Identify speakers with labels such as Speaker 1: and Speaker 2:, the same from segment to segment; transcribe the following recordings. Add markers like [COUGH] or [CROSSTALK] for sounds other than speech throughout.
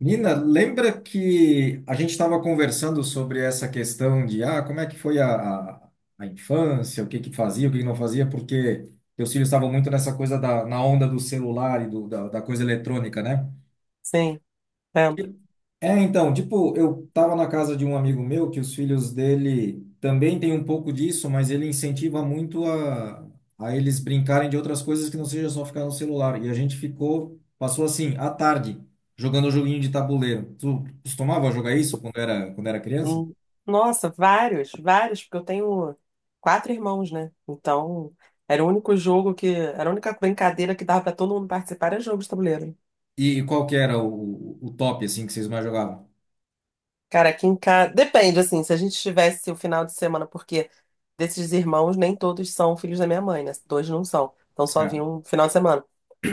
Speaker 1: Nina, lembra que a gente estava conversando sobre essa questão de como é que foi a infância, o que que fazia, o que que não fazia, porque teus filhos estavam muito nessa coisa na onda do celular e da coisa eletrônica, né?
Speaker 2: Sim, lembro.
Speaker 1: É, então, tipo, eu tava na casa de um amigo meu que os filhos dele também tem um pouco disso, mas ele incentiva muito a eles brincarem de outras coisas que não seja só ficar no celular. E a gente passou assim a tarde, jogando joguinho de tabuleiro. Tu costumava jogar isso quando era criança?
Speaker 2: Hum. Nossa, vários, vários, porque eu tenho quatro irmãos, né? Então, era o único jogo que, era a única brincadeira que dava pra todo mundo participar, era jogo de tabuleiro.
Speaker 1: E qual que era o top, assim, que vocês mais jogavam?
Speaker 2: Cara, aqui em casa, depende, assim, se a gente tivesse o final de semana, porque desses irmãos nem todos são filhos da minha mãe, né? Dois não são, então só
Speaker 1: Certo.
Speaker 2: vinha um final de semana.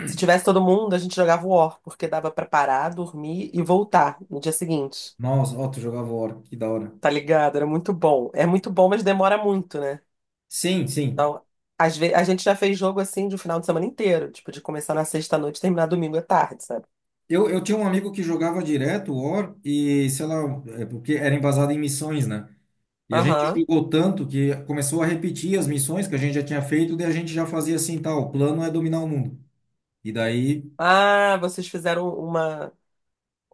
Speaker 2: Se tivesse todo mundo, a gente jogava War, porque dava pra parar, dormir e voltar no dia seguinte.
Speaker 1: Nossa, ó, tu jogava War, que da hora.
Speaker 2: Tá ligado? Era muito bom. É muito bom, mas demora muito, né?
Speaker 1: Sim, sim.
Speaker 2: Então, às vezes, a gente já fez jogo assim de um final de semana inteiro, tipo, de começar na sexta-noite e terminar domingo à tarde, sabe?
Speaker 1: Eu tinha um amigo que jogava direto o War e, sei lá, é porque era embasado em missões, né? E a gente
Speaker 2: Aham.
Speaker 1: jogou tanto que começou a repetir as missões que a gente já tinha feito, daí a gente já fazia assim, tá, o plano é dominar o mundo. E daí,
Speaker 2: Ah, vocês fizeram uma,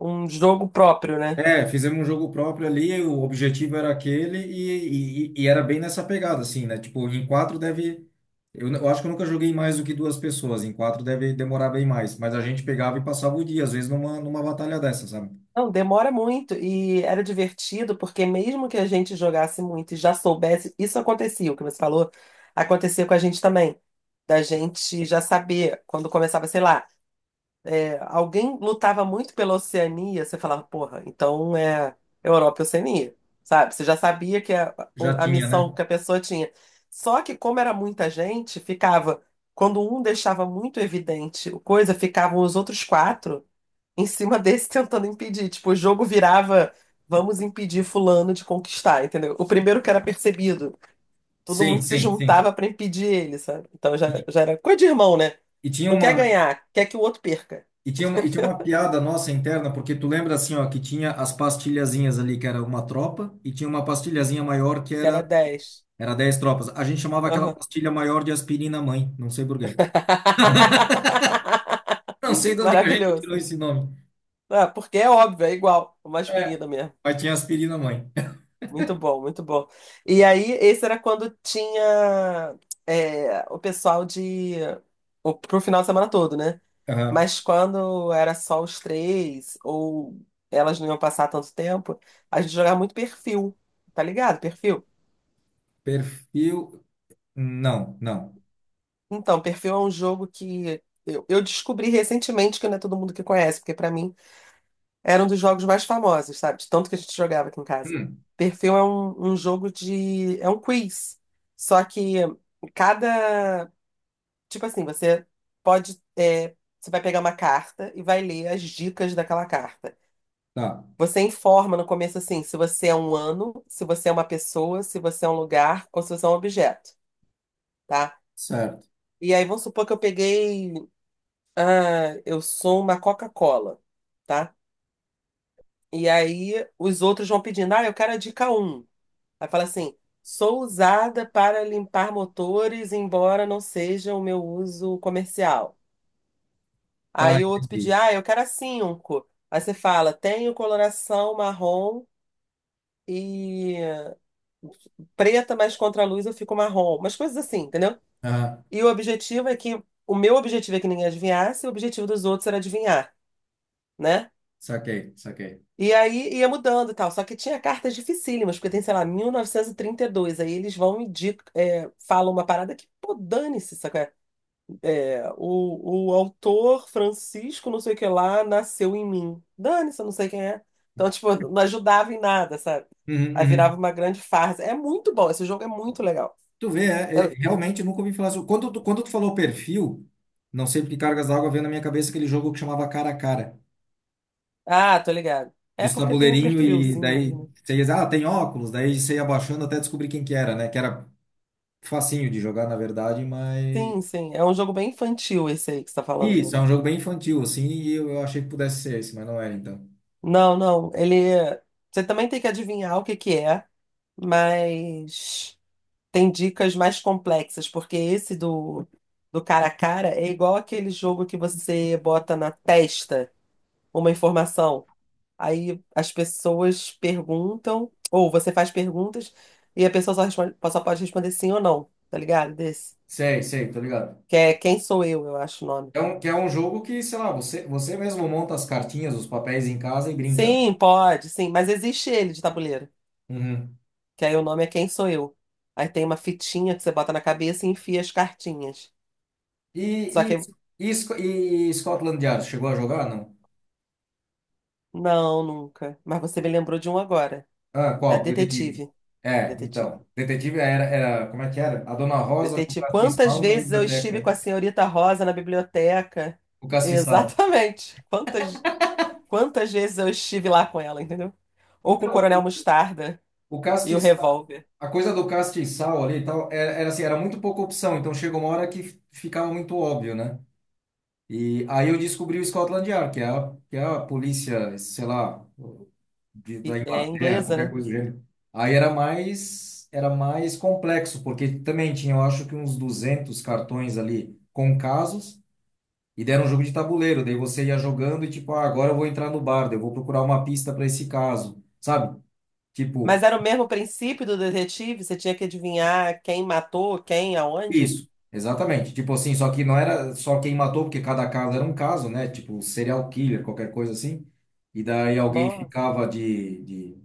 Speaker 2: um jogo próprio, né?
Speaker 1: fizemos um jogo próprio ali, o objetivo era aquele e era bem nessa pegada, assim, né? Tipo, em quatro deve... Eu acho que eu nunca joguei mais do que duas pessoas, em quatro deve demorar bem mais. Mas a gente pegava e passava o dia, às vezes numa batalha dessa, sabe?
Speaker 2: Não, demora muito e era divertido porque mesmo que a gente jogasse muito e já soubesse, isso acontecia, o que você falou, acontecia com a gente também, da gente já saber quando começava, sei lá, alguém lutava muito pela Oceania, você falava, porra, então é Europa e Oceania, sabe? Você já sabia que a,
Speaker 1: Já
Speaker 2: a
Speaker 1: tinha, né?
Speaker 2: missão que a pessoa tinha. Só que, como era muita gente, ficava. Quando um deixava muito evidente o coisa, ficavam os outros quatro em cima [LAUGHS] desse tentando impedir. Tipo, o jogo virava, vamos impedir fulano de conquistar, entendeu? O primeiro que era percebido, todo
Speaker 1: Sim,
Speaker 2: mundo se
Speaker 1: sim, sim.
Speaker 2: juntava para impedir ele, sabe? Então já, já era coisa de irmão, né?
Speaker 1: E tinha
Speaker 2: Não quer
Speaker 1: uma,
Speaker 2: ganhar, quer que o outro perca.
Speaker 1: e tinha uma, e tinha uma piada nossa interna, porque tu lembra assim, ó, que tinha as pastilhazinhas ali, que era uma tropa, e tinha uma pastilhazinha maior que
Speaker 2: Que era
Speaker 1: era,
Speaker 2: dez.
Speaker 1: era 10 tropas. A gente chamava aquela
Speaker 2: Aham.
Speaker 1: pastilha maior de aspirina mãe, não sei por quê. Não sei
Speaker 2: [LAUGHS]
Speaker 1: de onde que a gente
Speaker 2: Maravilhoso.
Speaker 1: tirou esse nome.
Speaker 2: Ah, porque é óbvio, é igual, é uma
Speaker 1: É,
Speaker 2: aspirina mesmo.
Speaker 1: mas tinha aspirina mãe. [LAUGHS]
Speaker 2: Muito bom, muito bom. E aí, esse era quando tinha é, o pessoal de. O, pro final de semana todo, né?
Speaker 1: Aham.
Speaker 2: Mas quando era só os três, ou elas não iam passar tanto tempo, a gente jogava muito perfil, tá ligado? Perfil.
Speaker 1: Perfil. Não, não.
Speaker 2: Então, perfil é um jogo que eu descobri recentemente que não é todo mundo que conhece, porque pra mim era um dos jogos mais famosos, sabe? De tanto que a gente jogava aqui em casa.
Speaker 1: Hum,
Speaker 2: Perfil é um jogo de. É um quiz. Só que cada. Tipo assim, você pode. É, você vai pegar uma carta e vai ler as dicas daquela carta.
Speaker 1: tá,
Speaker 2: Você informa no começo assim, se você é um ano, se você é uma pessoa, se você é um lugar ou se você é um objeto, tá?
Speaker 1: certo.
Speaker 2: E aí vamos supor que eu peguei. Ah, eu sou uma Coca-Cola, tá? E aí os outros vão pedindo, ah, eu quero a dica um. Aí fala assim: sou usada para limpar motores, embora não seja o meu uso comercial.
Speaker 1: Tá,
Speaker 2: Aí o outro
Speaker 1: entendi.
Speaker 2: pedia: ah, eu quero a cinco. Aí você fala: tenho coloração marrom e preta, mas contra a luz eu fico marrom. Umas coisas assim, entendeu?
Speaker 1: Aham,
Speaker 2: E o objetivo é que. O meu objetivo é que ninguém adivinhasse, e o objetivo dos outros era adivinhar, né?
Speaker 1: saquei, saquei.
Speaker 2: E aí ia mudando e tal. Só que tinha cartas dificílimas, porque tem, sei lá, mil novecentos e trinta e dois. Aí eles vão e é, falam uma parada que, pô, dane-se, saca? É, o autor Francisco, não sei o que lá, nasceu em mim. Dane-se, eu não sei quem é. Então, tipo, não ajudava em nada, sabe?
Speaker 1: Uhum,
Speaker 2: Aí virava
Speaker 1: uhum.
Speaker 2: uma grande farsa. É muito bom, esse jogo é muito legal.
Speaker 1: Tu vê,
Speaker 2: Eu-
Speaker 1: realmente nunca ouvi falar sobre. Quando tu falou perfil, não sei porque cargas d'água veio na minha cabeça aquele jogo que chamava Cara a Cara,
Speaker 2: Ah, tô ligado. É
Speaker 1: dos
Speaker 2: porque tem um
Speaker 1: tabuleirinho e
Speaker 2: perfilzinho ali,
Speaker 1: daí
Speaker 2: né?
Speaker 1: você ia, ah, tem óculos, daí você ia abaixando até descobrir quem que era, né? Que era facinho de jogar, na verdade, mas.
Speaker 2: Sim, sim. É um jogo bem infantil esse aí que você tá falando, né?
Speaker 1: Isso, é um jogo bem infantil, assim, e eu achei que pudesse ser esse, mas não era, então.
Speaker 2: Não, não. Ele. Você também tem que adivinhar o que que é, mas tem dicas mais complexas, porque esse do cara a cara é igual aquele jogo que você bota na testa uma informação. Aí as pessoas perguntam, ou você faz perguntas, e a pessoa só pode responder sim ou não, tá ligado? Desse.
Speaker 1: Sei, sei, tô ligado.
Speaker 2: Que é Quem Sou eu acho o nome.
Speaker 1: Que é um jogo que, sei lá, você mesmo monta as cartinhas, os papéis em casa e brinca, né?
Speaker 2: Sim, pode, sim, mas existe ele de tabuleiro.
Speaker 1: Uhum.
Speaker 2: Que aí o nome é Quem Sou Eu. Aí tem uma fitinha que você bota na cabeça e enfia as cartinhas. Só
Speaker 1: E, e,
Speaker 2: que,
Speaker 1: e Scotland Yard, chegou a jogar, não?
Speaker 2: não, nunca. Mas você me lembrou de um agora.
Speaker 1: Ah,
Speaker 2: É
Speaker 1: qual? Detetive.
Speaker 2: Detetive.
Speaker 1: É,
Speaker 2: Detetive.
Speaker 1: então. Detetive como é que era? A Dona Rosa com o
Speaker 2: Detetive. Quantas
Speaker 1: castiçal na
Speaker 2: vezes eu
Speaker 1: biblioteca,
Speaker 2: estive com
Speaker 1: né?
Speaker 2: a senhorita Rosa na biblioteca?
Speaker 1: O castiçal.
Speaker 2: Exatamente. Quantas, quantas vezes eu estive lá com ela, entendeu? Ou com o
Speaker 1: Então, o
Speaker 2: Coronel Mostarda
Speaker 1: o
Speaker 2: e o
Speaker 1: castiçal,
Speaker 2: revólver.
Speaker 1: a coisa do castiçal ali e tal, era assim, era muito pouca opção. Então, chegou uma hora que ficava muito óbvio, né? E aí eu descobri o Scotland Yard, que é a polícia, sei lá, da
Speaker 2: É
Speaker 1: Inglaterra,
Speaker 2: inglesa,
Speaker 1: qualquer
Speaker 2: né?
Speaker 1: coisa do gênero. Aí era mais complexo, porque também tinha, eu acho que uns 200 cartões ali com casos, e deram um jogo de tabuleiro, daí você ia jogando e tipo, ah, agora eu vou entrar no bar, daí eu vou procurar uma pista para esse caso, sabe? Tipo,
Speaker 2: Mas era o mesmo princípio do detetive, você tinha que adivinhar quem matou, quem, aonde.
Speaker 1: isso, exatamente. Tipo assim, só que não era só quem matou, porque cada caso era um caso, né? Tipo, serial killer, qualquer coisa assim. E daí alguém
Speaker 2: Nossa.
Speaker 1: ficava de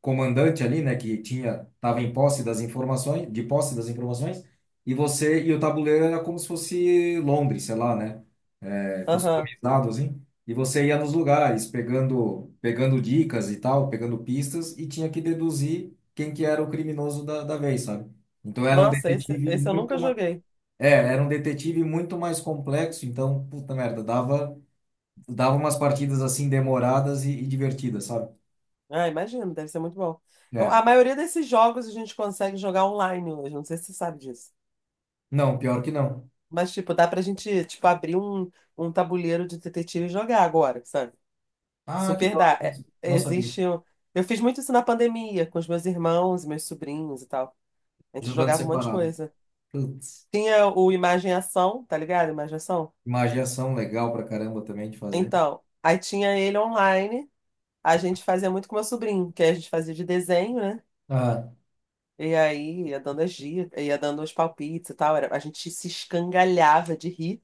Speaker 1: comandante ali, né? Que tinha, tava em posse das informações, de posse das informações, e o tabuleiro era como se fosse Londres, sei lá, né?
Speaker 2: Aham.
Speaker 1: Customizado, assim, e você ia nos lugares pegando, dicas e tal, pegando pistas, e tinha que deduzir quem que era o criminoso da vez, sabe? Então era um
Speaker 2: Nossa, esse,
Speaker 1: detetive
Speaker 2: esse eu nunca
Speaker 1: muito mais,
Speaker 2: joguei.
Speaker 1: era um detetive muito mais complexo, então, puta merda, dava umas partidas assim demoradas e divertidas, sabe?
Speaker 2: Ah, imagino, deve ser muito bom. Eu-
Speaker 1: É.
Speaker 2: a maioria desses jogos a gente consegue jogar online hoje, não sei se você sabe disso.
Speaker 1: Não, pior que não.
Speaker 2: Mas, tipo, dá pra gente, tipo, abrir um tabuleiro de detetive e jogar agora, sabe?
Speaker 1: Ah, que
Speaker 2: Super
Speaker 1: da hora,
Speaker 2: dá. É,
Speaker 1: não sabia.
Speaker 2: existe. Um. Eu fiz muito isso na pandemia, com os meus irmãos, meus sobrinhos e tal. A gente
Speaker 1: Jogando
Speaker 2: jogava um monte de
Speaker 1: separado.
Speaker 2: coisa.
Speaker 1: Putz,
Speaker 2: Tinha o Imagem e Ação, tá ligado? Imagem e Ação.
Speaker 1: magia ação legal pra caramba também de fazer.
Speaker 2: Então, aí tinha ele online. A gente fazia muito com meu sobrinho, que aí a gente fazia de desenho, né?
Speaker 1: Ah,
Speaker 2: E aí ia dando as dicas, ia dando os palpites e tal. Era, a gente se escangalhava de rir.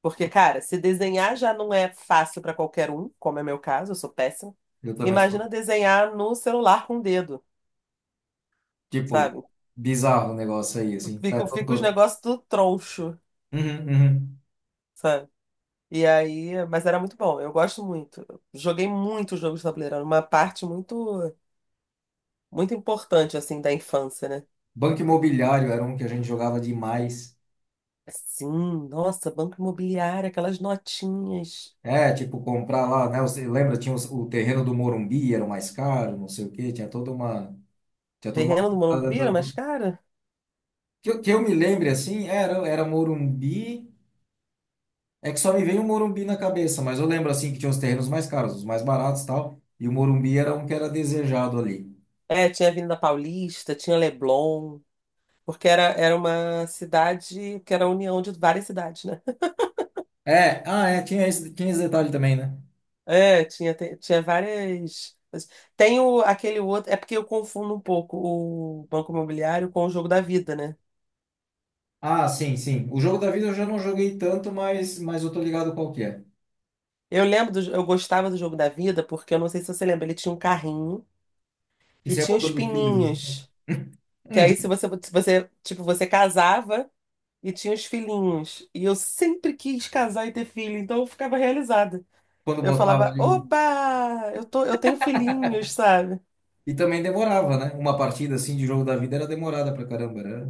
Speaker 2: Porque, cara, se desenhar já não é fácil pra qualquer um, como é meu caso, eu sou péssima.
Speaker 1: eu também
Speaker 2: Imagina
Speaker 1: sou.
Speaker 2: desenhar no celular com o dedo,
Speaker 1: Tipo,
Speaker 2: sabe?
Speaker 1: bizarro o negócio aí, assim,
Speaker 2: Fica,
Speaker 1: sabe? Todo,
Speaker 2: fica os
Speaker 1: todo.
Speaker 2: negócios tudo troncho,
Speaker 1: Uhum, uhum.
Speaker 2: sabe? E aí, mas era muito bom, eu gosto muito. Joguei muito jogos de tabuleiro, era uma parte muito, muito importante, assim, da infância, né?
Speaker 1: Banco Imobiliário era um que a gente jogava demais.
Speaker 2: Sim, nossa, Banco Imobiliário, aquelas notinhas.
Speaker 1: É, tipo, comprar lá, né? Você lembra, tinha o terreno do Morumbi, era o mais caro, não sei o quê, tinha toda uma. Tinha toda uma
Speaker 2: Terreno do
Speaker 1: coisa. Da- da-
Speaker 2: Morumbi
Speaker 1: da-
Speaker 2: era mais
Speaker 1: do-
Speaker 2: cara?
Speaker 1: Que eu me lembre, assim, era Morumbi. É que só me veio o Morumbi na cabeça, mas eu lembro, assim, que tinha os terrenos mais caros, os mais baratos e tal. E o Morumbi era um que era desejado ali.
Speaker 2: É, tinha Avenida Paulista, tinha Leblon, porque era, era uma cidade que era a união de várias cidades, né? [LAUGHS]
Speaker 1: É, tinha esse detalhe também, né?
Speaker 2: É, tinha, tinha várias. Tem o, aquele outro. É porque eu confundo um pouco o Banco Imobiliário com o Jogo da Vida, né?
Speaker 1: Ah, sim, sim. O Jogo da Vida eu já não joguei tanto, mas eu tô ligado qual que é.
Speaker 2: Eu lembro, do, eu gostava do Jogo da Vida porque eu não sei se você lembra, ele tinha um carrinho e
Speaker 1: Isso é
Speaker 2: tinha os
Speaker 1: botando os filhos em cima.
Speaker 2: pininhos.
Speaker 1: [LAUGHS]
Speaker 2: Que aí se
Speaker 1: Uhum.
Speaker 2: você, se você, tipo, você casava e tinha os filhinhos. E eu sempre quis casar e ter filho, então eu ficava realizada.
Speaker 1: Quando
Speaker 2: Eu
Speaker 1: botava
Speaker 2: falava,
Speaker 1: ali o...
Speaker 2: oba, eu tenho filhinhos, sabe?
Speaker 1: E também demorava, né? Uma partida assim de Jogo da Vida era demorada pra caramba. Era,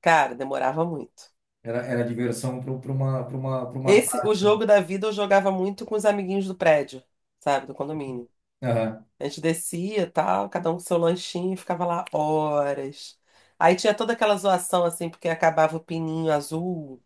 Speaker 2: Cara, demorava muito.
Speaker 1: era, era diversão pra uma, pra uma, pra uma...
Speaker 2: Esse, o jogo da vida eu jogava muito com os amiguinhos do prédio, sabe, do condomínio.
Speaker 1: Aham.
Speaker 2: A gente descia, e tal, cada um com seu lanchinho, e ficava lá horas. Aí tinha toda aquela zoação assim, porque acabava o pininho azul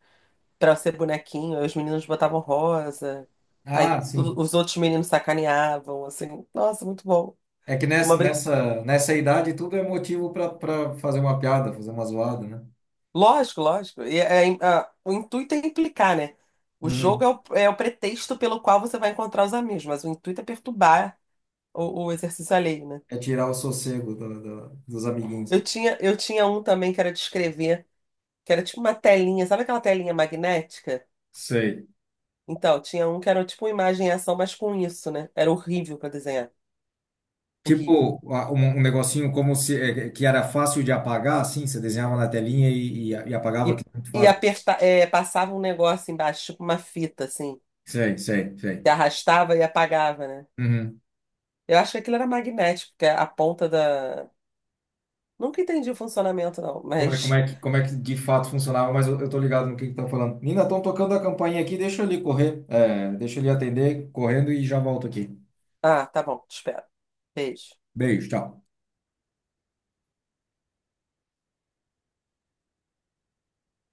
Speaker 2: pra ser bonequinho, aí os meninos botavam rosa. Aí
Speaker 1: Ah, sim.
Speaker 2: os outros meninos sacaneavam, assim, nossa, muito bom.
Speaker 1: É que
Speaker 2: Uma
Speaker 1: nessa idade tudo é motivo pra fazer uma piada, fazer uma zoada, né?
Speaker 2: lógico, lógico. E é, o intuito é implicar, né? O jogo
Speaker 1: Uhum.
Speaker 2: é o, é o pretexto pelo qual você vai encontrar os amigos, mas o intuito é perturbar o exercício alheio, né?
Speaker 1: É tirar o sossego dos amiguinhos.
Speaker 2: Eu tinha um também que era de escrever, que era tipo uma telinha, sabe aquela telinha magnética?
Speaker 1: Sei.
Speaker 2: Então, tinha um que era tipo uma imagem e ação, mas com isso, né? Era horrível pra desenhar. Horrível.
Speaker 1: Tipo, um negocinho como se que era fácil de apagar, assim, você desenhava na telinha e apagava,
Speaker 2: E,
Speaker 1: que é muito
Speaker 2: e
Speaker 1: fácil.
Speaker 2: aperta, é, passava um negócio embaixo, tipo uma fita, assim,
Speaker 1: Sei, sei,
Speaker 2: que
Speaker 1: sei.
Speaker 2: arrastava e apagava, né?
Speaker 1: Uhum.
Speaker 2: Eu acho que aquilo era magnético, porque a ponta da. Nunca entendi o funcionamento, não,
Speaker 1: Como é, como
Speaker 2: mas.
Speaker 1: é que, como é que de fato funcionava, mas eu tô ligado no que tá falando. Nina, estão tocando a campainha aqui, deixa eu ali correr. Deixa eu ali atender, correndo e já volto aqui.
Speaker 2: Ah, tá bom, te espero. Beijo.
Speaker 1: Beijo, tchau.